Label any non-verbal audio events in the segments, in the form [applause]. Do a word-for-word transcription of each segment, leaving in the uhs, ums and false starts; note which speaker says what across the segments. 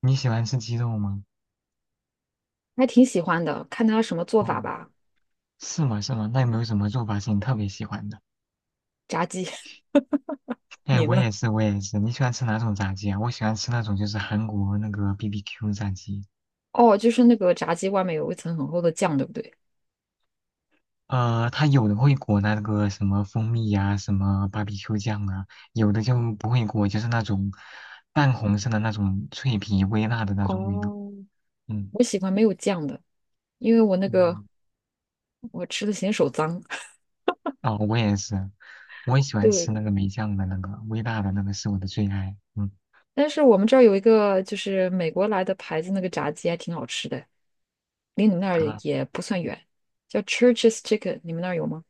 Speaker 1: 你喜欢吃鸡肉吗？
Speaker 2: 还挺喜欢的，看他什么做法
Speaker 1: 哦，
Speaker 2: 吧。
Speaker 1: 是吗？是吗？那有没有什么做法是你特别喜欢的？
Speaker 2: 炸鸡，[laughs]
Speaker 1: 哎，
Speaker 2: 你
Speaker 1: 我
Speaker 2: 呢？
Speaker 1: 也是，我也是。你喜欢吃哪种炸鸡啊？我喜欢吃那种就是韩国那个 B B Q 炸鸡，
Speaker 2: 哦，就是那个炸鸡外面有一层很厚的酱，对不对？
Speaker 1: 呃，它有的会裹那个什么蜂蜜呀、什么 B B Q 酱啊，有的就不会裹，就是那种淡红色的那种脆皮微辣的那种味道。
Speaker 2: 哦，
Speaker 1: 嗯。
Speaker 2: 我喜欢没有酱的，因为我那
Speaker 1: 我
Speaker 2: 个我吃的嫌手脏。[laughs]
Speaker 1: 哦，我也是，我也喜欢吃
Speaker 2: 对，
Speaker 1: 那个梅酱的那个微辣的那个是我的最爱。嗯。
Speaker 2: 但是我们这儿有一个就是美国来的牌子，那个炸鸡还挺好吃的，离你们那儿也不算远，叫 Church's Chicken，你们那儿有吗？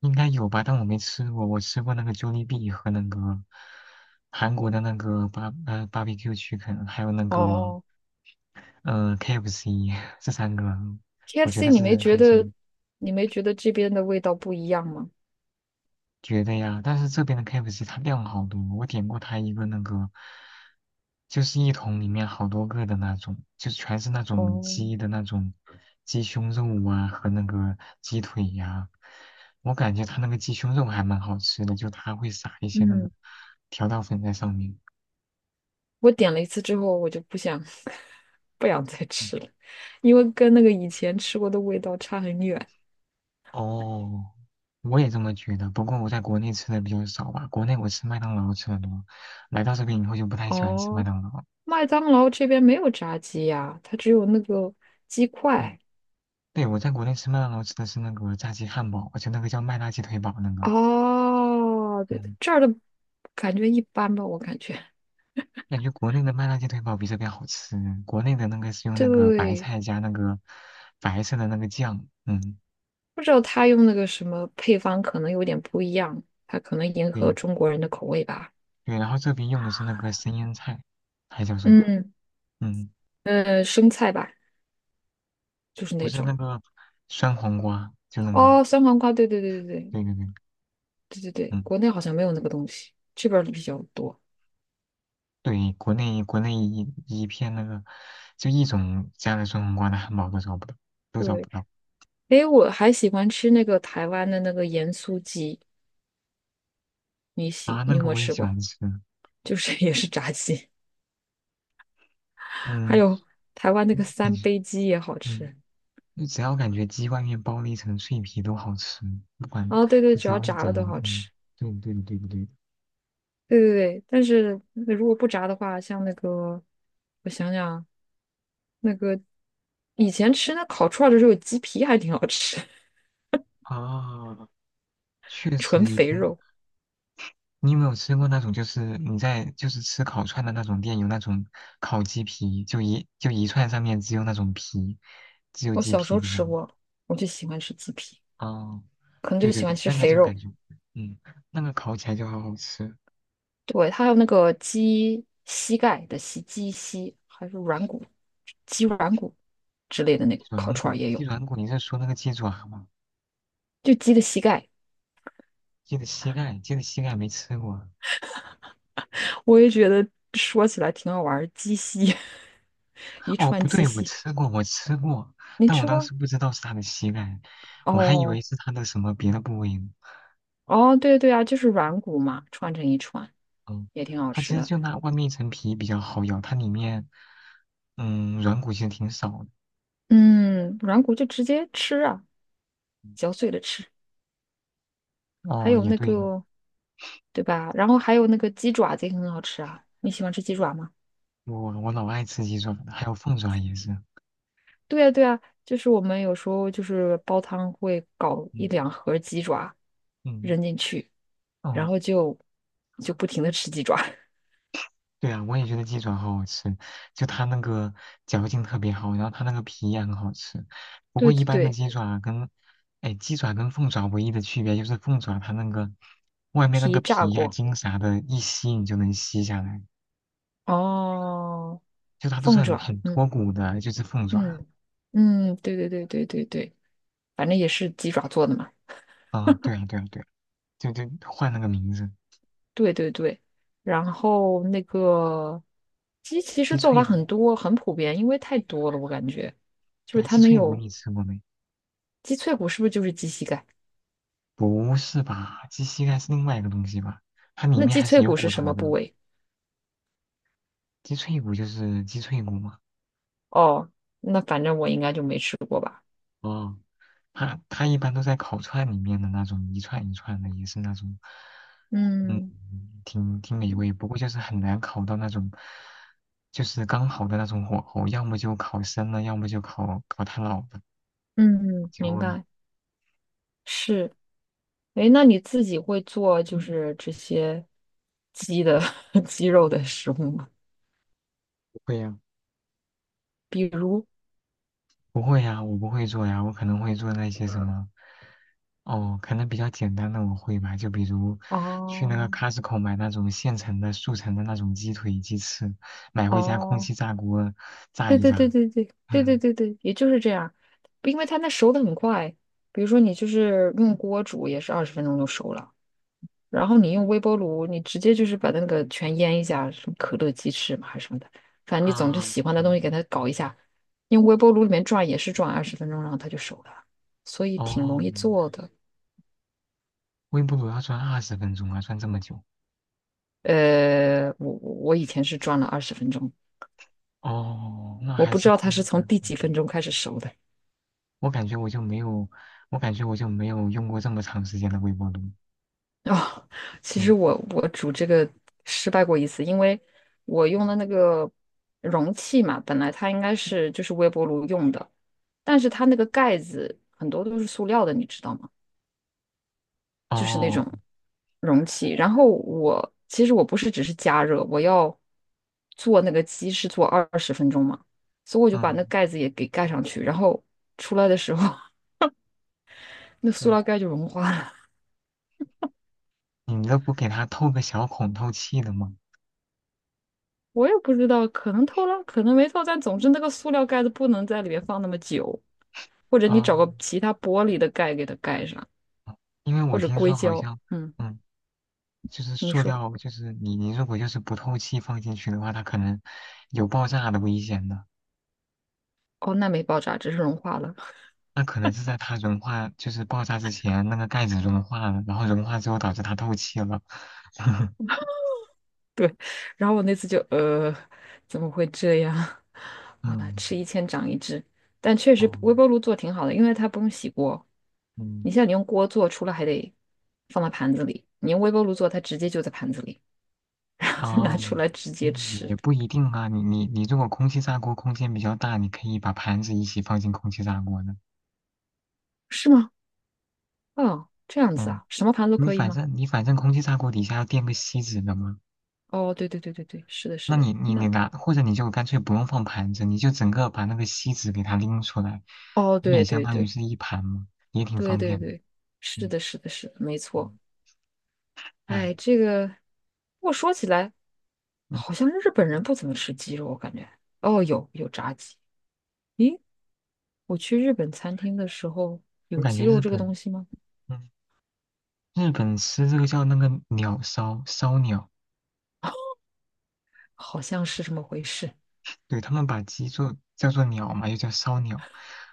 Speaker 1: 应该有吧，但我没吃过。我吃过那个 Jollibee 和那个韩国的那个巴呃 barbecue c h 还有那个
Speaker 2: 哦，
Speaker 1: 呃 K F C 这三个，我觉
Speaker 2: ？K F C，
Speaker 1: 得
Speaker 2: 你没
Speaker 1: 是
Speaker 2: 觉
Speaker 1: 还
Speaker 2: 得
Speaker 1: 行。
Speaker 2: 你没觉得这边的味道不一样吗？
Speaker 1: 觉得呀，但是这边的 K F C 它量好多，我点过它一个那个，就是一桶里面好多个的那种，就全是那种
Speaker 2: 哦，
Speaker 1: 鸡的那种鸡胸肉啊和那个鸡腿呀、我感觉它那个鸡胸肉还蛮好吃的，就它会撒一些那个
Speaker 2: 嗯，
Speaker 1: 调料粉在上面。
Speaker 2: 我点了一次之后，我就不想 [laughs] 不想再
Speaker 1: 嗯。
Speaker 2: 吃了，因为跟那个以前吃过的味道差很远。
Speaker 1: 哦，我也这么觉得，不过我在国内吃的比较少吧，国内我吃麦当劳吃的多，来到这边以后就不太喜欢吃麦
Speaker 2: 哦，
Speaker 1: 当劳。
Speaker 2: 麦当劳这边没有炸鸡呀，它只有那个鸡
Speaker 1: 嗯。
Speaker 2: 块。
Speaker 1: 对，我在国内吃麦当劳吃的是那个炸鸡汉堡，而且那个叫麦辣鸡腿堡那个，
Speaker 2: 哦，对，
Speaker 1: 嗯，
Speaker 2: 这儿的感觉一般吧，我感觉。
Speaker 1: 感觉国内的麦辣鸡腿堡比这边好吃。国内的那个是用那个白
Speaker 2: 对，
Speaker 1: 菜加那个白色的那个酱，嗯，
Speaker 2: 不知道他用那个什么配方，可能有点不一样，他可能迎合
Speaker 1: 对
Speaker 2: 中国人的口味吧。
Speaker 1: 对，然后这边用的是那个生腌菜，还叫什么？
Speaker 2: 嗯，
Speaker 1: 嗯，
Speaker 2: 呃，生菜吧，就是
Speaker 1: 不
Speaker 2: 那
Speaker 1: 是那
Speaker 2: 种。
Speaker 1: 个酸黄瓜，就那个，
Speaker 2: 哦，酸黄瓜，对对对对对，
Speaker 1: 对对对，
Speaker 2: 对对对，
Speaker 1: 嗯，
Speaker 2: 国内好像没有那个东西，这边儿比较多。
Speaker 1: 对，国内国内一一片那个就一种加了酸黄瓜的汉堡都找不到，都找不
Speaker 2: 对，
Speaker 1: 到
Speaker 2: 诶，我还喜欢吃那个台湾的那个盐酥鸡，你
Speaker 1: 啊，
Speaker 2: 喜
Speaker 1: 那
Speaker 2: 你有
Speaker 1: 个
Speaker 2: 没有
Speaker 1: 我也
Speaker 2: 吃
Speaker 1: 喜
Speaker 2: 过？
Speaker 1: 欢吃，
Speaker 2: [laughs] 就是也是炸鸡，[laughs] 还
Speaker 1: 嗯。
Speaker 2: 有台湾那个
Speaker 1: 嗯感
Speaker 2: 三
Speaker 1: 觉
Speaker 2: 杯鸡也好
Speaker 1: 嗯，
Speaker 2: 吃。
Speaker 1: 就只要感觉鸡外面包了一层脆皮都好吃，不管
Speaker 2: 哦，对对，
Speaker 1: 就
Speaker 2: 只
Speaker 1: 只
Speaker 2: 要
Speaker 1: 要是
Speaker 2: 炸
Speaker 1: 炸
Speaker 2: 了
Speaker 1: 的，
Speaker 2: 都好
Speaker 1: 嗯，
Speaker 2: 吃。
Speaker 1: 对的对的对不对的。
Speaker 2: 对对对，但是如果不炸的话，像那个我想想，那个以前吃那烤串儿的时候，鸡皮还挺好吃，
Speaker 1: 啊，确
Speaker 2: [laughs] 纯
Speaker 1: 实以
Speaker 2: 肥
Speaker 1: 前
Speaker 2: 肉。
Speaker 1: 你有没有吃过那种，就是你在就是吃烤串的那种店有那种烤鸡皮，就一就一串上面只有那种皮，只有
Speaker 2: 我
Speaker 1: 鸡
Speaker 2: 小时
Speaker 1: 皮
Speaker 2: 候
Speaker 1: 的那
Speaker 2: 吃
Speaker 1: 种。
Speaker 2: 过，我就喜欢吃鸡皮，
Speaker 1: 哦，
Speaker 2: 可能就
Speaker 1: 对对
Speaker 2: 喜
Speaker 1: 对，
Speaker 2: 欢吃
Speaker 1: 那个
Speaker 2: 肥
Speaker 1: 就感
Speaker 2: 肉。
Speaker 1: 觉，嗯，那个烤起来就好好吃。
Speaker 2: 对，它还有那个鸡膝盖的膝，鸡膝还是软骨、鸡软骨之类的那个
Speaker 1: 鸡
Speaker 2: 烤
Speaker 1: 软
Speaker 2: 串
Speaker 1: 骨，
Speaker 2: 儿也
Speaker 1: 鸡
Speaker 2: 有，
Speaker 1: 软骨，你是说那个鸡爪吗？
Speaker 2: 就鸡的膝盖，
Speaker 1: 鸡的膝盖，鸡的膝盖没吃过啊。
Speaker 2: 我也觉得说起来挺好玩儿，鸡膝，[laughs] 一
Speaker 1: 哦，
Speaker 2: 串
Speaker 1: 不
Speaker 2: 鸡
Speaker 1: 对，我
Speaker 2: 膝，
Speaker 1: 吃过，我吃过，
Speaker 2: 你
Speaker 1: 但我
Speaker 2: 吃
Speaker 1: 当
Speaker 2: 过？
Speaker 1: 时不知道是它的膝盖，我还以为
Speaker 2: 哦
Speaker 1: 是它的什么别的部位呢。
Speaker 2: 哦，对对啊，就是软骨嘛，串成一串
Speaker 1: 嗯，
Speaker 2: 也挺好
Speaker 1: 它
Speaker 2: 吃
Speaker 1: 其实
Speaker 2: 的。
Speaker 1: 就那外面一层皮比较好咬，它里面嗯软骨其实挺少的。
Speaker 2: 嗯，软骨就直接吃啊，嚼碎了吃，还
Speaker 1: 哦，
Speaker 2: 有
Speaker 1: 也
Speaker 2: 那
Speaker 1: 对呢
Speaker 2: 个对吧？然后还有那个鸡爪子也很好吃啊，你喜欢吃鸡爪吗？
Speaker 1: 我我老爱吃鸡爪了，还有凤爪也是。
Speaker 2: 对呀，对呀，就是我们有时候就是煲汤会搞一
Speaker 1: 嗯
Speaker 2: 两盒鸡爪
Speaker 1: 嗯，
Speaker 2: 扔进去，然
Speaker 1: 哦。
Speaker 2: 后就就不停的吃鸡爪。[laughs]
Speaker 1: 对啊，我也觉得鸡爪好好吃，就它那个嚼劲特别好，然后它那个皮也很好吃。不过
Speaker 2: 对
Speaker 1: 一
Speaker 2: 对
Speaker 1: 般的
Speaker 2: 对，
Speaker 1: 鸡爪跟，哎，鸡爪跟凤爪唯一的区别就是凤爪它那个外面那
Speaker 2: 皮
Speaker 1: 个
Speaker 2: 炸
Speaker 1: 皮呀、
Speaker 2: 过。
Speaker 1: 筋啥的，一吸你就能吸下来，
Speaker 2: 哦，
Speaker 1: 就它都是
Speaker 2: 凤
Speaker 1: 很
Speaker 2: 爪，
Speaker 1: 很
Speaker 2: 嗯
Speaker 1: 脱骨的，就是凤爪
Speaker 2: 嗯嗯，对对对对对对，反正也是鸡爪做的嘛。
Speaker 1: 啊。对啊，对啊，对啊，就就换了个名字，
Speaker 2: 对对对，然后那个鸡其实
Speaker 1: 鸡
Speaker 2: 做法
Speaker 1: 脆骨。
Speaker 2: 很多，很普遍，因为太多了，我感觉就
Speaker 1: 对
Speaker 2: 是
Speaker 1: 啊
Speaker 2: 它
Speaker 1: 鸡
Speaker 2: 能
Speaker 1: 脆骨
Speaker 2: 有
Speaker 1: 你吃过没？
Speaker 2: 鸡脆骨，是不是就是鸡膝盖？
Speaker 1: 不是吧？鸡膝盖是另外一个东西吧？它里
Speaker 2: 那
Speaker 1: 面
Speaker 2: 鸡
Speaker 1: 还是
Speaker 2: 脆
Speaker 1: 有
Speaker 2: 骨是
Speaker 1: 骨
Speaker 2: 什
Speaker 1: 头
Speaker 2: 么部
Speaker 1: 的。
Speaker 2: 位？
Speaker 1: 鸡脆骨就是鸡脆骨嘛。
Speaker 2: 哦，那反正我应该就没吃过吧。
Speaker 1: 哦，它它一般都在烤串里面的那种一串一串的，也是那种，嗯，
Speaker 2: 嗯
Speaker 1: 挺挺美味。不过就是很难烤到那种，就是刚好的那种火候，要么就烤生了，要么就烤烤太老了，
Speaker 2: 嗯，
Speaker 1: 焦
Speaker 2: 明
Speaker 1: 了。
Speaker 2: 白。是，哎，那你自己会做就是这些鸡的 [laughs] 鸡肉的食物吗？
Speaker 1: 不会呀、
Speaker 2: 比如，
Speaker 1: 不会呀，我不会做呀，我可能会做那些什么，哦，可能比较简单的我会吧，就比如去那个
Speaker 2: 哦
Speaker 1: Costco 买那种现成的速成的那种鸡腿、鸡翅，买回家空
Speaker 2: 哦，
Speaker 1: 气炸锅炸
Speaker 2: 对
Speaker 1: 一
Speaker 2: 对对
Speaker 1: 炸。
Speaker 2: 对对
Speaker 1: [laughs]
Speaker 2: 对对
Speaker 1: 嗯。
Speaker 2: 对对，也就是这样，因为它那熟的很快。比如说你就是用锅煮，也是二十分钟就熟了。然后你用微波炉，你直接就是把那个全腌一下，什么可乐鸡翅嘛还是什么的，反正你总之
Speaker 1: 啊，
Speaker 2: 喜欢的
Speaker 1: 对，
Speaker 2: 东西给它搞一下，用微波炉里面转也是转二十分钟，然后它就熟了，所以挺容
Speaker 1: 哦，
Speaker 2: 易做的。
Speaker 1: 微波炉要转二十分钟啊，转这么久，
Speaker 2: 呃，我我以前是转了二十分钟，
Speaker 1: 哦，那
Speaker 2: 我
Speaker 1: 还
Speaker 2: 不知
Speaker 1: 是
Speaker 2: 道它
Speaker 1: 故意
Speaker 2: 是
Speaker 1: 的。
Speaker 2: 从第几分钟开始熟的。
Speaker 1: 我感觉我就没有，我感觉我就没有用过这么长时间的微波炉。
Speaker 2: 哦，其实
Speaker 1: 嗯，
Speaker 2: 我我煮这个失败过一次，因为我用的那个容器嘛，本来它应该是就是微波炉用的，但是它那个盖子很多都是塑料的，你知道吗？就是那
Speaker 1: 哦，
Speaker 2: 种容器。然后我其实我不是只是加热，我要做那个鸡是做二十分钟嘛，所以我就把那
Speaker 1: 嗯
Speaker 2: 盖子也给盖上去，然后出来的时候，[laughs] 那塑
Speaker 1: 嗯，
Speaker 2: 料盖就融化了。
Speaker 1: 你们都不给它透个小孔透气的吗？
Speaker 2: 我也不知道，可能偷了，可能没偷，但总之那个塑料盖子不能在里面放那么久，或者你
Speaker 1: 啊，
Speaker 2: 找个其他玻璃的盖给它盖上，
Speaker 1: 因为
Speaker 2: 或
Speaker 1: 我
Speaker 2: 者
Speaker 1: 听
Speaker 2: 硅
Speaker 1: 说好
Speaker 2: 胶。
Speaker 1: 像，
Speaker 2: 嗯，
Speaker 1: 嗯，就是
Speaker 2: 你
Speaker 1: 塑
Speaker 2: 说，
Speaker 1: 料，就是你你如果就是不透气放进去的话，它可能有爆炸的危险的。
Speaker 2: 哦，那没爆炸，只是融化了。
Speaker 1: 那可能是在它融化，就是爆炸之前，那个盖子融化了，然后融化之后导致它透气了。[laughs]
Speaker 2: 然后我那次就，呃，怎么会这样？[laughs] 啊，
Speaker 1: 嗯，
Speaker 2: 吃一堑长一智。但确实
Speaker 1: 哦，
Speaker 2: 微波炉做挺好的，因为它不用洗锅。
Speaker 1: 嗯，
Speaker 2: 你像你用锅做，除了还得放到盘子里，你用微波炉做，它直接就在盘子里，[laughs] 然后
Speaker 1: 哦，
Speaker 2: 拿出来直接
Speaker 1: 嗯也
Speaker 2: 吃，
Speaker 1: 也不一定啊。你你你，如果空气炸锅空间比较大，你可以把盘子一起放进空气炸锅的。
Speaker 2: 是吗？哦，这样子
Speaker 1: 嗯，
Speaker 2: 啊，什么盘都
Speaker 1: 你
Speaker 2: 可以
Speaker 1: 反
Speaker 2: 吗？
Speaker 1: 正你反正空气炸锅底下要垫个锡纸的嘛。
Speaker 2: 哦，对对对对对，是的，是
Speaker 1: 那
Speaker 2: 的，
Speaker 1: 你你你
Speaker 2: 那
Speaker 1: 拿，或者你就干脆不用放盘子，你就整个把那个锡纸给它拎出来，
Speaker 2: 哦，
Speaker 1: 你也
Speaker 2: 对
Speaker 1: 相
Speaker 2: 对
Speaker 1: 当于
Speaker 2: 对
Speaker 1: 是一盘嘛，也挺
Speaker 2: 对
Speaker 1: 方
Speaker 2: 对
Speaker 1: 便的。
Speaker 2: 对，是
Speaker 1: 嗯
Speaker 2: 的，是的，是的，没错。
Speaker 1: 嗯，
Speaker 2: 哎，
Speaker 1: 哎。
Speaker 2: 这个我说起来，
Speaker 1: 嗯
Speaker 2: 好像日本人不怎么吃鸡肉，我感觉。哦，有有炸鸡。咦，我去日本餐厅的时候，
Speaker 1: 我
Speaker 2: 有
Speaker 1: 感觉
Speaker 2: 鸡肉
Speaker 1: 日
Speaker 2: 这个
Speaker 1: 本，
Speaker 2: 东西吗？
Speaker 1: 嗯，日本吃这个叫那个鸟烧烧鸟，
Speaker 2: 好像是这么回事。
Speaker 1: 对，他们把鸡做叫做鸟嘛，又叫烧鸟，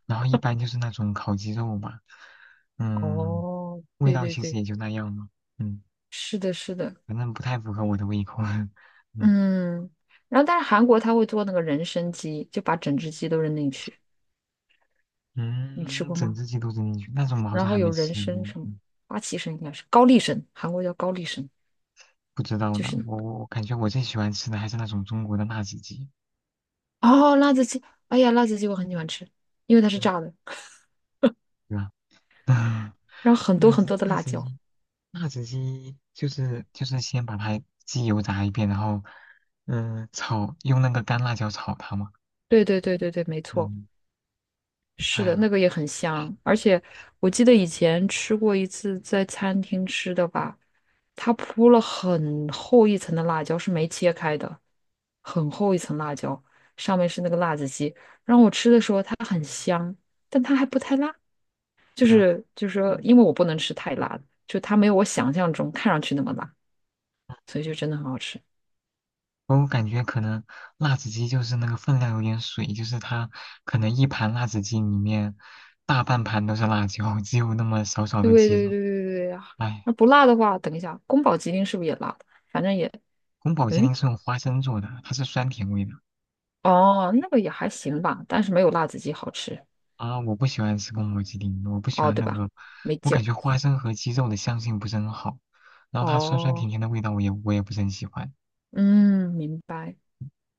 Speaker 1: 然后一般就是那种烤鸡肉嘛，嗯，
Speaker 2: 哦，
Speaker 1: 味
Speaker 2: 对
Speaker 1: 道
Speaker 2: 对
Speaker 1: 其实
Speaker 2: 对，
Speaker 1: 也就那样嘛，嗯，
Speaker 2: 是的，是的，
Speaker 1: 反正不太符合我的胃口，[laughs] 嗯
Speaker 2: 嗯。然后，但是韩国他会做那个人参鸡，就把整只鸡都扔进去。你吃
Speaker 1: 嗯，
Speaker 2: 过
Speaker 1: 整
Speaker 2: 吗？
Speaker 1: 只鸡都扔进去，那种我好
Speaker 2: 然
Speaker 1: 像还
Speaker 2: 后有
Speaker 1: 没
Speaker 2: 人
Speaker 1: 吃过，
Speaker 2: 参什么
Speaker 1: 嗯，
Speaker 2: 花旗参应该是高丽参，韩国叫高丽参，
Speaker 1: 不知道
Speaker 2: 就
Speaker 1: 呢，
Speaker 2: 是
Speaker 1: 我我我感觉我最喜欢吃的还是那种中国的辣子鸡，
Speaker 2: 哦辣子鸡，哎呀辣子鸡我很喜欢吃，因为它是
Speaker 1: 嗯，
Speaker 2: 炸的，
Speaker 1: 对吧？[laughs]
Speaker 2: 然后很多
Speaker 1: 辣
Speaker 2: 很
Speaker 1: 子
Speaker 2: 多的
Speaker 1: 辣
Speaker 2: 辣
Speaker 1: 子
Speaker 2: 椒。
Speaker 1: 鸡辣子鸡就是就是先把它鸡油炸一遍，然后嗯炒用那个干辣椒炒它嘛。
Speaker 2: 对对对对对，没错，
Speaker 1: 嗯，
Speaker 2: 是
Speaker 1: 哎
Speaker 2: 的，
Speaker 1: 呀，
Speaker 2: 那个也很香，而且我记得以前吃过一次在餐厅吃的吧，它铺了很厚一层的辣椒，是没切开的，很厚一层辣椒，上面是那个辣子鸡，然后我吃的时候它很香，但它还不太辣。就
Speaker 1: 对啊，
Speaker 2: 是就是说，因为我不能吃太辣的，就它没有我想象中看上去那么辣，所以就真的很好吃。
Speaker 1: 我感觉可能辣子鸡就是那个分量有点水，就是它可能一盘辣子鸡里面大半盘都是辣椒，只有那么少少
Speaker 2: 对
Speaker 1: 的鸡
Speaker 2: 对对
Speaker 1: 肉。
Speaker 2: 对对呀、
Speaker 1: 哎，
Speaker 2: 那不辣的话，等一下，宫保鸡丁是不是也辣的？反正也，
Speaker 1: 宫保鸡
Speaker 2: 嗯，
Speaker 1: 丁是用花生做的，它是酸甜味的。
Speaker 2: 哦，那个也还行吧，但是没有辣子鸡好吃，
Speaker 1: 啊，我不喜欢吃宫保鸡丁，我不喜
Speaker 2: 哦，
Speaker 1: 欢
Speaker 2: 对
Speaker 1: 那
Speaker 2: 吧？
Speaker 1: 个，
Speaker 2: 没
Speaker 1: 我
Speaker 2: 劲
Speaker 1: 感
Speaker 2: 儿。
Speaker 1: 觉花生和鸡肉的香性不是很好，然后它酸酸
Speaker 2: 哦，
Speaker 1: 甜甜的味道我也我也不是很喜欢。
Speaker 2: 嗯，明白。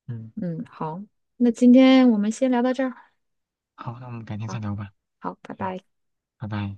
Speaker 1: 嗯，
Speaker 2: 嗯，好，那今天我们先聊到这儿。
Speaker 1: 好，那我们改天再
Speaker 2: 好，
Speaker 1: 聊吧。
Speaker 2: 好，拜
Speaker 1: 嗯，
Speaker 2: 拜。
Speaker 1: 拜拜。